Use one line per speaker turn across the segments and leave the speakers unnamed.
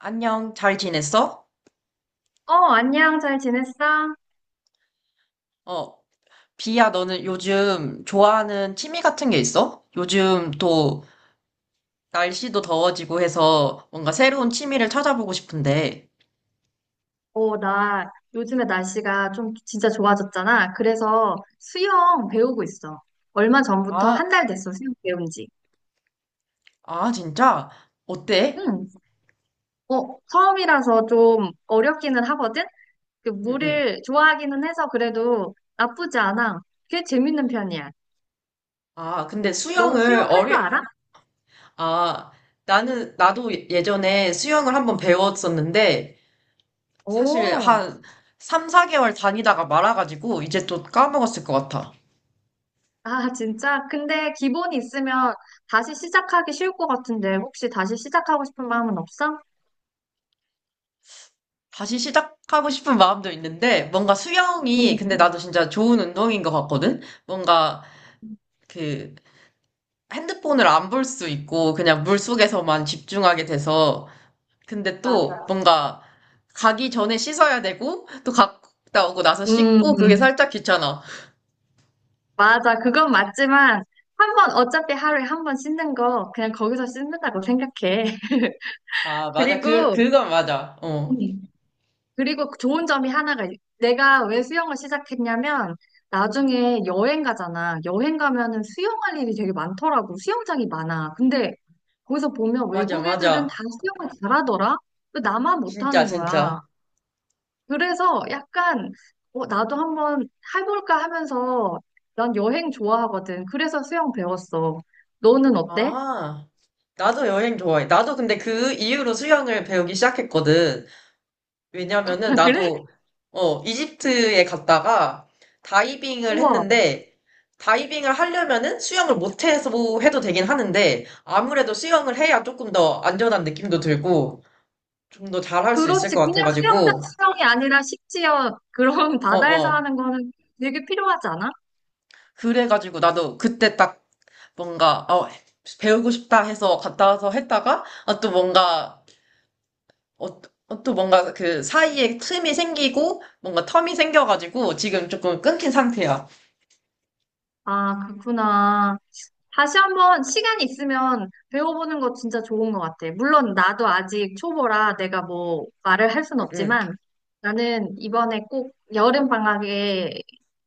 안녕, 잘 지냈어?
어, 안녕, 잘 지냈어?
어, 비야, 너는 요즘 좋아하는 취미 같은 게 있어? 요즘 또 날씨도 더워지고 해서 뭔가 새로운 취미를 찾아보고 싶은데.
나 요즘에 날씨가 좀 진짜 좋아졌잖아. 그래서 수영 배우고 있어. 얼마 전부터
아,
한 달 됐어, 수영 배운 지.
아, 진짜? 어때?
응, 처음이라서 좀 어렵기는 하거든? 그
응, 응.
물을 좋아하기는 해서 그래도 나쁘지 않아. 꽤 재밌는 편이야.
아, 근데
너 수영 할 줄 알아?
아, 나도 예전에 수영을 한번 배웠었는데, 사실
오,
한 3, 4개월 다니다가 말아가지고, 이제 또 까먹었을 것 같아.
아, 진짜? 근데 기본이 있으면 다시 시작하기 쉬울 것 같은데 혹시 다시 시작하고 싶은 마음은 없어?
다시 시작하고 싶은 마음도 있는데, 뭔가 수영이, 근데
응,
나도 진짜 좋은 운동인 것 같거든? 뭔가 그 핸드폰을 안 볼 수 있고, 그냥 물 속에서만 집중하게 돼서, 근데 또
맞아.
뭔가 가기 전에 씻어야 되고, 또 갔다 오고 나서 씻고, 그게
음.
살짝 귀찮아.
맞아. 그건 맞지만, 한 번, 어차피 하루에 한 번 씻는 거, 그냥 거기서 씻는다고 생각해.
아, 맞아.
그리고,
그건 맞아. 어.
음, 그리고 좋은 점이 하나가, 내가 왜 수영을 시작했냐면, 나중에 여행 가잖아. 여행 가면은 수영할 일이 되게 많더라고. 수영장이 많아. 근데 거기서 보면
맞아,
외국 애들은 다
맞아.
수영을 잘하더라? 왜 나만
진짜,
못하는
진짜.
거야? 그래서 약간 나도 한번 해볼까 하면서 난 여행 좋아하거든. 그래서 수영 배웠어. 너는 어때?
아, 나도 여행 좋아해. 나도 근데 그 이후로 수영을 배우기 시작했거든. 왜냐면은
아, 그래?
나도 이집트에 갔다가 다이빙을
우와.
했는데, 다이빙을 하려면은 수영을 못해서 해도 되긴 하는데 아무래도 수영을 해야 조금 더 안전한 느낌도 들고 좀 더 잘할 수 있을
그렇지.
것
그냥 수영장
같아가지고
수영이 아니라 식지어 그런
어어.
바다에서 하는 거는 되게 필요하지 않아?
그래가지고 나도 그때 딱 뭔가 배우고 싶다 해서 갔다 와서 했다가 아, 또 뭔가 어, 또 뭔가 그 사이에 틈이 생기고 뭔가 텀이 생겨가지고 지금 조금 끊긴 상태야.
아, 그렇구나. 다시 한번 시간 있으면 배워보는 거 진짜 좋은 것 같아. 물론 나도 아직 초보라 내가 뭐 말을 할 순
음, 음.
없지만 나는 이번에 꼭 여름 방학에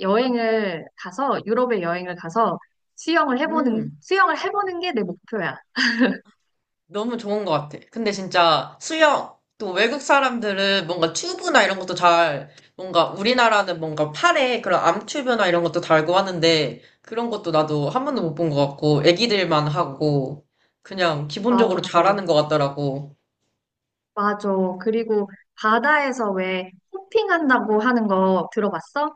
여행을 가서 유럽에 여행을 가서 수영을 해보는
음,
수영을 해보는 게 내 목표야.
너무 좋은 것 같아. 근데 진짜 수영, 또 외국 사람들은 뭔가 튜브나 이런 것도 잘, 뭔가 우리나라는 뭔가 팔에 그런 암튜브나 이런 것도 달고 하는데, 그런 것도 나도 한 번도 못 본 것 같고, 애기들만 하고, 그냥
맞아.
기본적으로 잘하는 것 같더라고.
맞아. 그리고 바다에서 왜 호핑한다고 하는 거 들어봤어?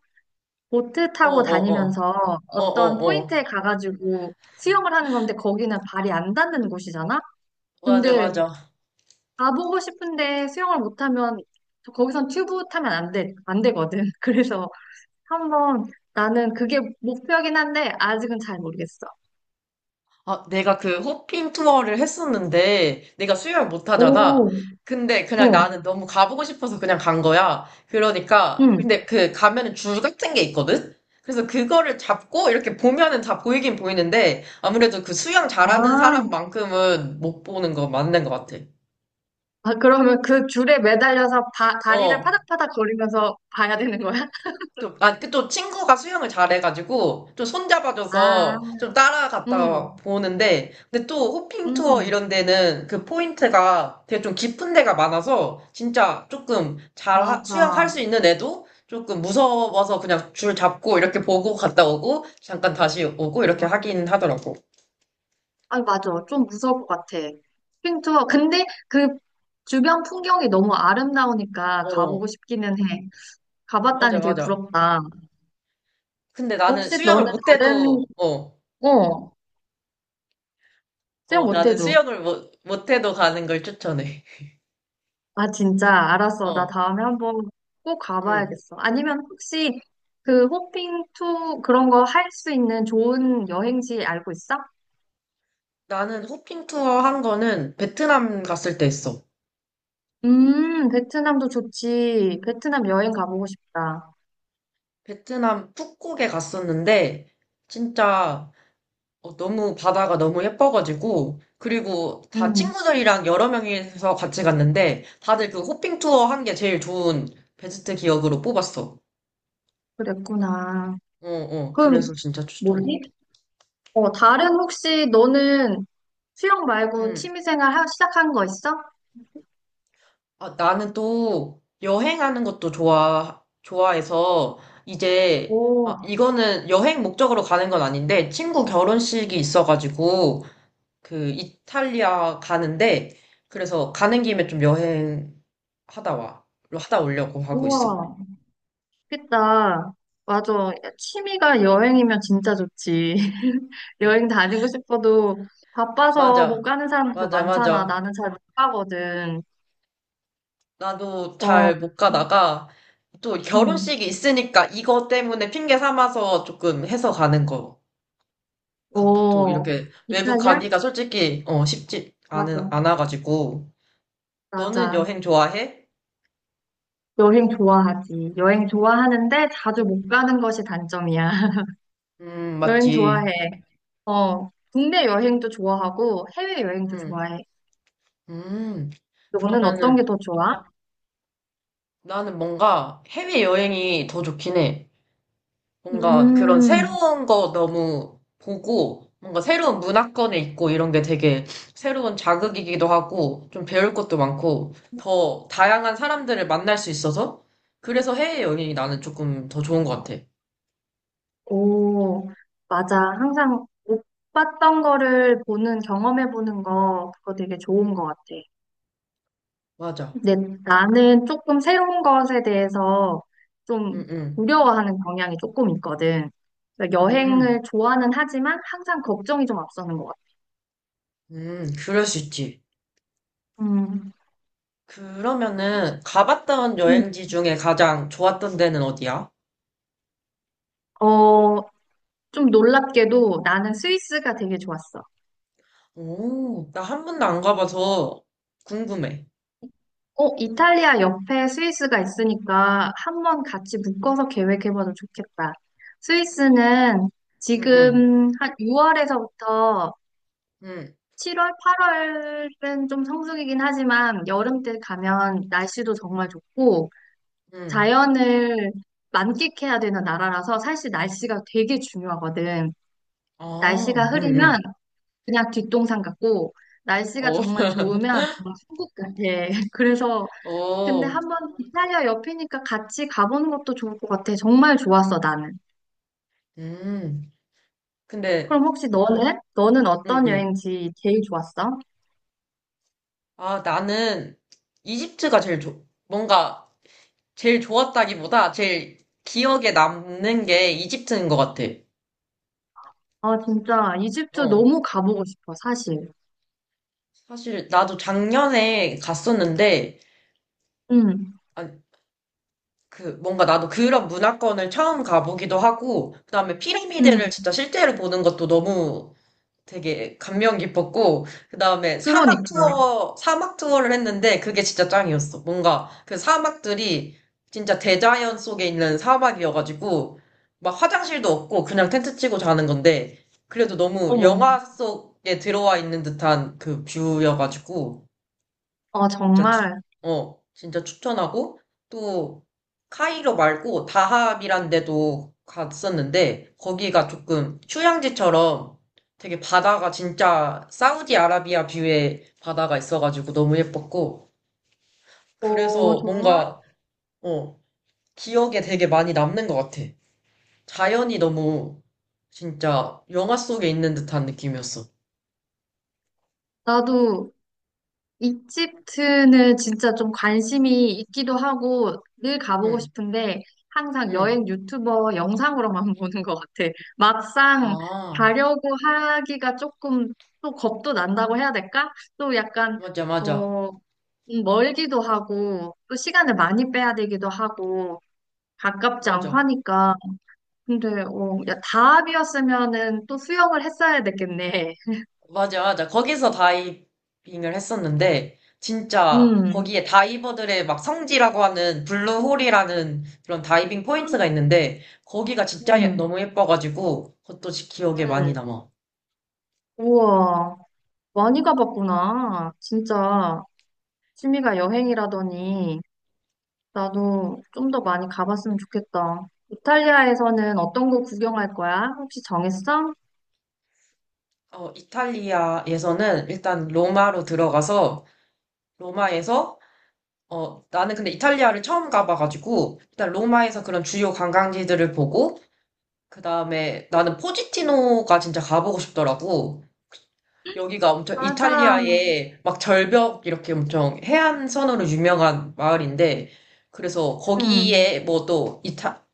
보트 타고
어어어.
다니면서 어떤
어어어.
포인트에 가가지고 수영을 하는 건데 거기는 발이 안 닿는 곳이잖아.
맞아,
근데
맞아.
가보고 싶은데 수영을 못하면 거기선 튜브 타면 안 돼, 안 되거든. 그래서 한번 나는 그게 목표긴 한데 아직은 잘 모르겠어.
아, 내가 그 호핑 투어를 했었는데, 내가 수영을 못 하잖아.
오,
근데 그냥
어,
나는 너무 가보고 싶어서 그냥 간 거야. 그러니까,
응.
근데 그 가면은 줄 같은 게 있거든? 그래서 그거를 잡고 이렇게 보면은 다 보이긴 보이는데, 아무래도 그 수영 잘하는
아,
사람만큼은 못 보는 거 맞는 것 같아.
아, 그러면 그 줄에 매달려서 다리를
어,
파닥파닥 거리면서 봐야 되는 거야?
또, 아, 그 또 친구가 수영을 잘해가지고, 좀
아,
손잡아줘서 좀 따라갔다
음,
보는데, 근데 또 호핑 투어
음,
이런 데는 그 포인트가 되게 좀 깊은 데가 많아서, 진짜 조금 수영할
맞아.
수 있는 애도 조금 무서워서 그냥 줄 잡고 이렇게 보고 갔다 오고, 잠깐 다시 오고 이렇게 하긴 하더라고.
아, 맞아. 좀 무서울 것 같아. 핑투어. 근데 그 주변 풍경이 너무 아름다우니까
어,
가보고 싶기는 해.
맞아,
가봤다니 되게
맞아.
부럽다.
근데 나는
혹시
수영을
너는 다른,
못해도, 어,
어, 수영
어, 나는
못해도.
수영을 못, 못해도 가는 걸 추천해.
아, 진짜, 알았어. 나
어,
다음에 한번 꼭
응.
가봐야겠어. 아니면 혹시 그 호핑 투 그런 거 할 수 있는 좋은 여행지 알고 있어?
나는 호핑 투어 한 거는 베트남 갔을 때 했어.
베트남도 좋지. 베트남 여행 가보고 싶다.
베트남 푸꾸옥에 갔었는데 진짜 어, 너무 바다가 너무 예뻐가지고, 그리고 다
음,
친구들이랑 여러 명이서 같이 갔는데 다들 그 호핑 투어 한 게 제일 좋은 베스트 기억으로 뽑았어.
그랬구나.
어, 어.
그럼
그래서 진짜 추천해.
뭐니? 다른 혹시 너는 수영 말고
음.
취미생활 시작한 거 있어?
아, 나는 또 여행하는 것도 좋아 좋아해서 이제 아,
오,
이거는 여행 목적으로 가는 건 아닌데, 친구 결혼식이 있어가지고, 그 이탈리아 가는데, 그래서 가는 김에 좀 여행 하다 와 하다 오려고 하고 있어.
우와. 그다. 맞아. 야, 취미가 여행이면 진짜 좋지. 여행 다니고 싶어도 바빠서
맞아,
못 가는 사람들
맞아,
많잖아.
맞아.
나는 잘 못 가거든.
나도
어,
잘 못 가다가 또
응.
결혼식이 있으니까 이거 때문에 핑계 삼아서 조금 해서 가는 거 같아. 또
어,
이렇게 외국
이탈리아?
가기가 솔직히 어 쉽지
맞아.
않은 않아가지고. 너는
맞아.
여행 좋아해?
여행 좋아하지. 여행 좋아하는데 자주 못 가는 것이 단점이야. 여행
맞지.
좋아해. 어, 국내 여행도 좋아하고 해외 여행도
음,
좋아해.
음.
너는 어떤
그러면은
게 더 좋아?
나는 뭔가 해외여행이 더 좋긴 해. 뭔가 그런
음.
새로운 거 너무 보고, 뭔가 새로운 문화권에 있고 이런 게 되게 새로운 자극이기도 하고, 좀 배울 것도 많고, 더 다양한 사람들을 만날 수 있어서, 그래서 해외여행이 나는 조금 더 좋은 것 같아.
오, 맞아. 항상 못 봤던 거를 보는, 경험해보는 거, 그거 되게 좋은 것 같아.
맞아.
근데
그,
나는 조금 새로운 것에 대해서 좀
응, 응.
두려워하는 경향이 조금 있거든. 그러니까
음,
여행을 좋아는 하지만 항상 걱정이 좀 앞서는 것 같아.
그럴 수 있지.
음.
그러면은 가봤던
음.
여행지 중에 가장 좋았던 데는 어디야?
어, 좀 놀랍게도 나는 스위스가 되게 좋았어.
오, 나 한 번도 안 가봐서 궁금해.
이탈리아 옆에 스위스가 있으니까 한번 같이 묶어서 계획해봐도 좋겠다. 스위스는
응, 응,
지금 한 6월에서부터
응,
7월, 8월은 좀 성수기긴 하지만 여름 때 가면 날씨도 정말 좋고
응.
자연을 만끽해야 되는 나라라서 사실 날씨가 되게 중요하거든. 날씨가
아, 응, 응.
흐리면 그냥 뒷동산 같고 날씨가
어,
정말 좋으면 정말 천국 같아. 그래서 근데
어,
한번 이탈리아 옆이니까 같이 가보는 것도 좋을 것 같아. 정말 좋았어, 나는.
음. 근데,
그럼 혹시 너는? 너는
응,
어떤
응.
여행지 제일 좋았어?
아, 나는 뭔가 제일 좋았다기보다 제일 기억에 남는 게 이집트인 것 같아.
아, 진짜 이집트
어.
너무 가보고 싶어, 사실.
사실 나도 작년에 갔었는데,
응,
아, 그, 뭔가 나도 그런 문화권을 처음 가보기도 하고, 그다음에 피라미드를
응.
진짜 실제로 보는 것도 너무 되게 감명 깊었고, 그 다음에
그러니까.
사막 투어를 했는데 그게 진짜 짱이었어. 뭔가 그 사막들이 진짜 대자연 속에 있는 사막이어가지고, 막 화장실도 없고 그냥 텐트 치고 자는 건데, 그래도 너무
어머.
영화 속에 들어와 있는 듯한 그 뷰여가지고,
아,
진짜 추,
정말.
진짜 추천하고, 또, 카이로 말고 다합이란 데도 갔었는데, 거기가 조금 휴양지처럼 되게 바다가 진짜 사우디아라비아 뷰의 바다가 있어가지고 너무 예뻤고, 그래서
정말?
뭔가, 어, 기억에 되게 많이 남는 것 같아. 자연이 너무 진짜 영화 속에 있는 듯한 느낌이었어.
나도 이집트는 진짜 좀 관심이 있기도 하고 늘 가보고
응,
싶은데 항상
응.
여행 유튜버 영상으로만 보는 것 같아. 막상
아,
가려고 하기가 조금 또 겁도 난다고 해야 될까? 또 약간
맞아, 맞아,
어 멀기도 하고 또 시간을 많이 빼야 되기도 하고 가깝지 않고
맞아.
하니까 근데 야, 다합이었으면은 또 수영을 했어야 됐겠네.
맞아, 맞아. 거기서 다이빙을 했었는데, 진짜
음,
거기에 다이버들의 막 성지라고 하는 블루홀이라는 그런 다이빙 포인트가 있는데, 거기가
음,
너무 예뻐가지고, 그것도 기억에 많이
음.
남아.
우와. 많이 가봤구나. 진짜 취미가 여행이라더니 나도 좀 더 많이 가봤으면 좋겠다. 이탈리아에서는 어떤 곳 구경할 거야? 혹시 정했어?
어, 이탈리아에서는 일단 로마로 들어가서, 로마에서, 어, 나는 근데 이탈리아를 처음 가봐가지고, 일단 로마에서 그런 주요 관광지들을 보고, 그 다음에 나는 포지티노가 진짜 가보고 싶더라고. 여기가 엄청
맞아.
이탈리아의 막 절벽 이렇게 엄청 해안선으로 유명한 마을인데 그래서
음,
거기에 뭐 또 이타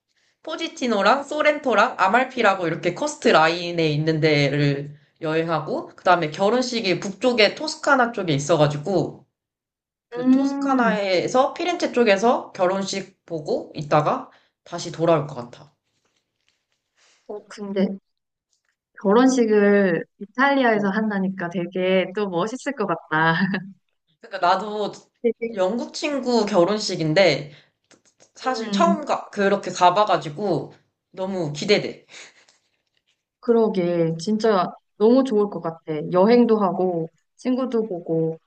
포지티노랑 소렌토랑 아말피라고 이렇게 커스트 라인에 있는 데를 여행하고, 그다음에 결혼식이 북쪽에 토스카나 쪽에 있어가지고 그
음.
토스카나에서 피렌체 쪽에서 결혼식 보고 있다가 다시 돌아올 것 같아.
근데 결혼식을
응.
이탈리아에서 한다니까 되게 또 멋있을 것 같다.
그러니까 나도
되게.
영국 친구 결혼식인데
음,
그렇게 가봐가지고 너무 기대돼.
그러게. 진짜 너무 좋을 것 같아. 여행도 하고 친구도 보고.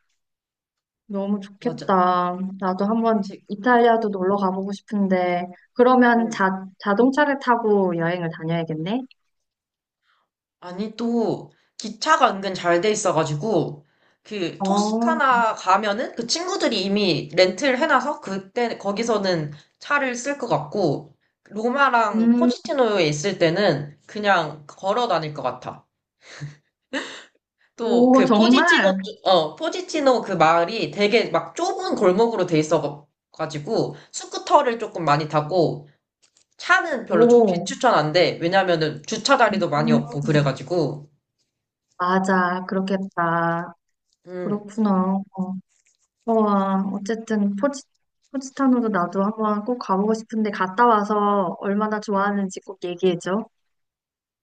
너무
맞아.
좋겠다. 나도 한번
제-
이탈리아도 놀러 가보고 싶은데, 그러면
음.
자동차를 타고 여행을 다녀야겠네?
아니, 또 기차가 은근 잘 돼 있어가지고 그
어,
토스카나 가면은 그 친구들이 이미 렌트를 해놔서 그때 거기서는 차를 쓸 것 같고, 로마랑
음,
포지티노에 있을 때는 그냥 걸어 다닐 것 같아. 또
오,
그
정말?
포지티노 그 마을이 되게 막 좁은 골목으로 돼 있어가지고 스쿠터를 조금 많이 타고, 차는
오,
비추천한데, 왜냐면은 주차 자리도 많이 없고,
음,
그래가지고,
맞아. 그렇겠다.
음,
그렇구나. 와, 어쨌든 포지타노도 나도 한번 꼭 가보고 싶은데, 갔다 와서 얼마나 좋아하는지 꼭 얘기해줘.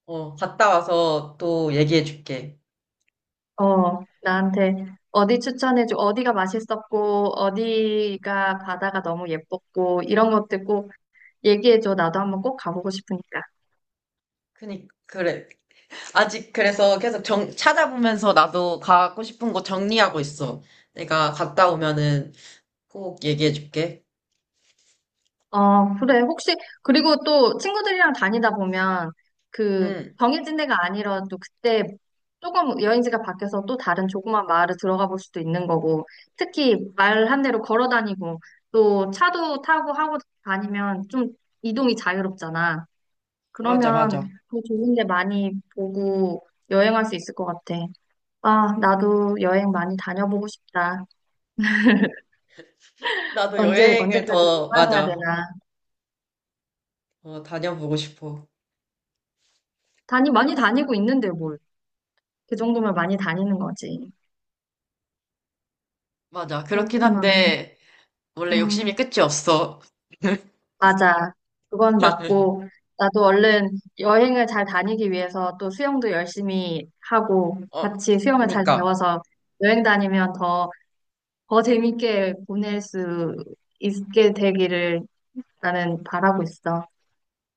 어, 갔다 와서 또 얘기해줄게.
나한테 어디 추천해줘, 어디가 맛있었고, 어디가 바다가 너무 예뻤고, 이런 것들 꼭 얘기해줘. 나도 한번 꼭 가보고 싶으니까.
그래. 아직 그래서 계속 찾아보면서 나도 가고 싶은 곳 정리하고 있어. 내가 갔다 오면은 꼭 얘기해줄게.
그래. 혹시, 그리고 또 친구들이랑 다니다 보면 그
응,
정해진 데가 아니라도 그때 조금 여행지가 바뀌어서 또 다른 조그만 마을을 들어가 볼 수도 있는 거고, 특히 말한 대로 걸어 다니고, 또 차도 타고 하고 다니면 좀 이동이 자유롭잖아.
맞아,
그러면
맞아.
더 좋은 데 많이 보고 여행할 수 있을 것 같아. 아, 나도 여행 많이 다녀보고 싶다.
나도
언제,
여행을
언제까지
더,
일만 해야
맞아.
되나.
어, 다녀보고 싶어.
많이 다니고 있는데 뭘. 그 정도면 많이 다니는 거지.
맞아. 그렇긴
그렇구나.
한데, 원래 욕심이
음,
끝이 없어.
맞아. 그건 맞고, 나도 얼른 여행을 잘 다니기 위해서 또 수영도 열심히 하고,
어,
같이 수영을 잘
그니까.
배워서 여행 다니면 더, 더 재밌게 보낼 수 있게 되기를 나는 바라고 있어.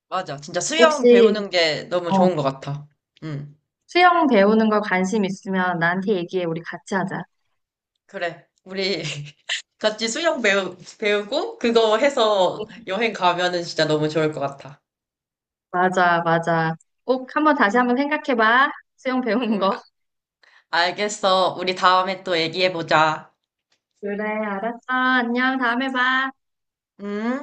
맞아. 진짜 수영
혹시
배우는 게 너무 좋은
어.
것 같아. 응.
수영 배우는 거 관심 있으면 나한테 얘기해. 우리 같이 하자.
그래. 우리 같이 배우고 그거 해서 여행 가면은 진짜 너무 좋을 것 같아.
맞아, 맞아. 꼭 한번 다시 한번 생각해봐. 수영 배우는
응,
거.
아- 알겠어. 우리 다음에 또 얘기해보자.
그래, 알았어. 안녕. 다음에 봐.
응?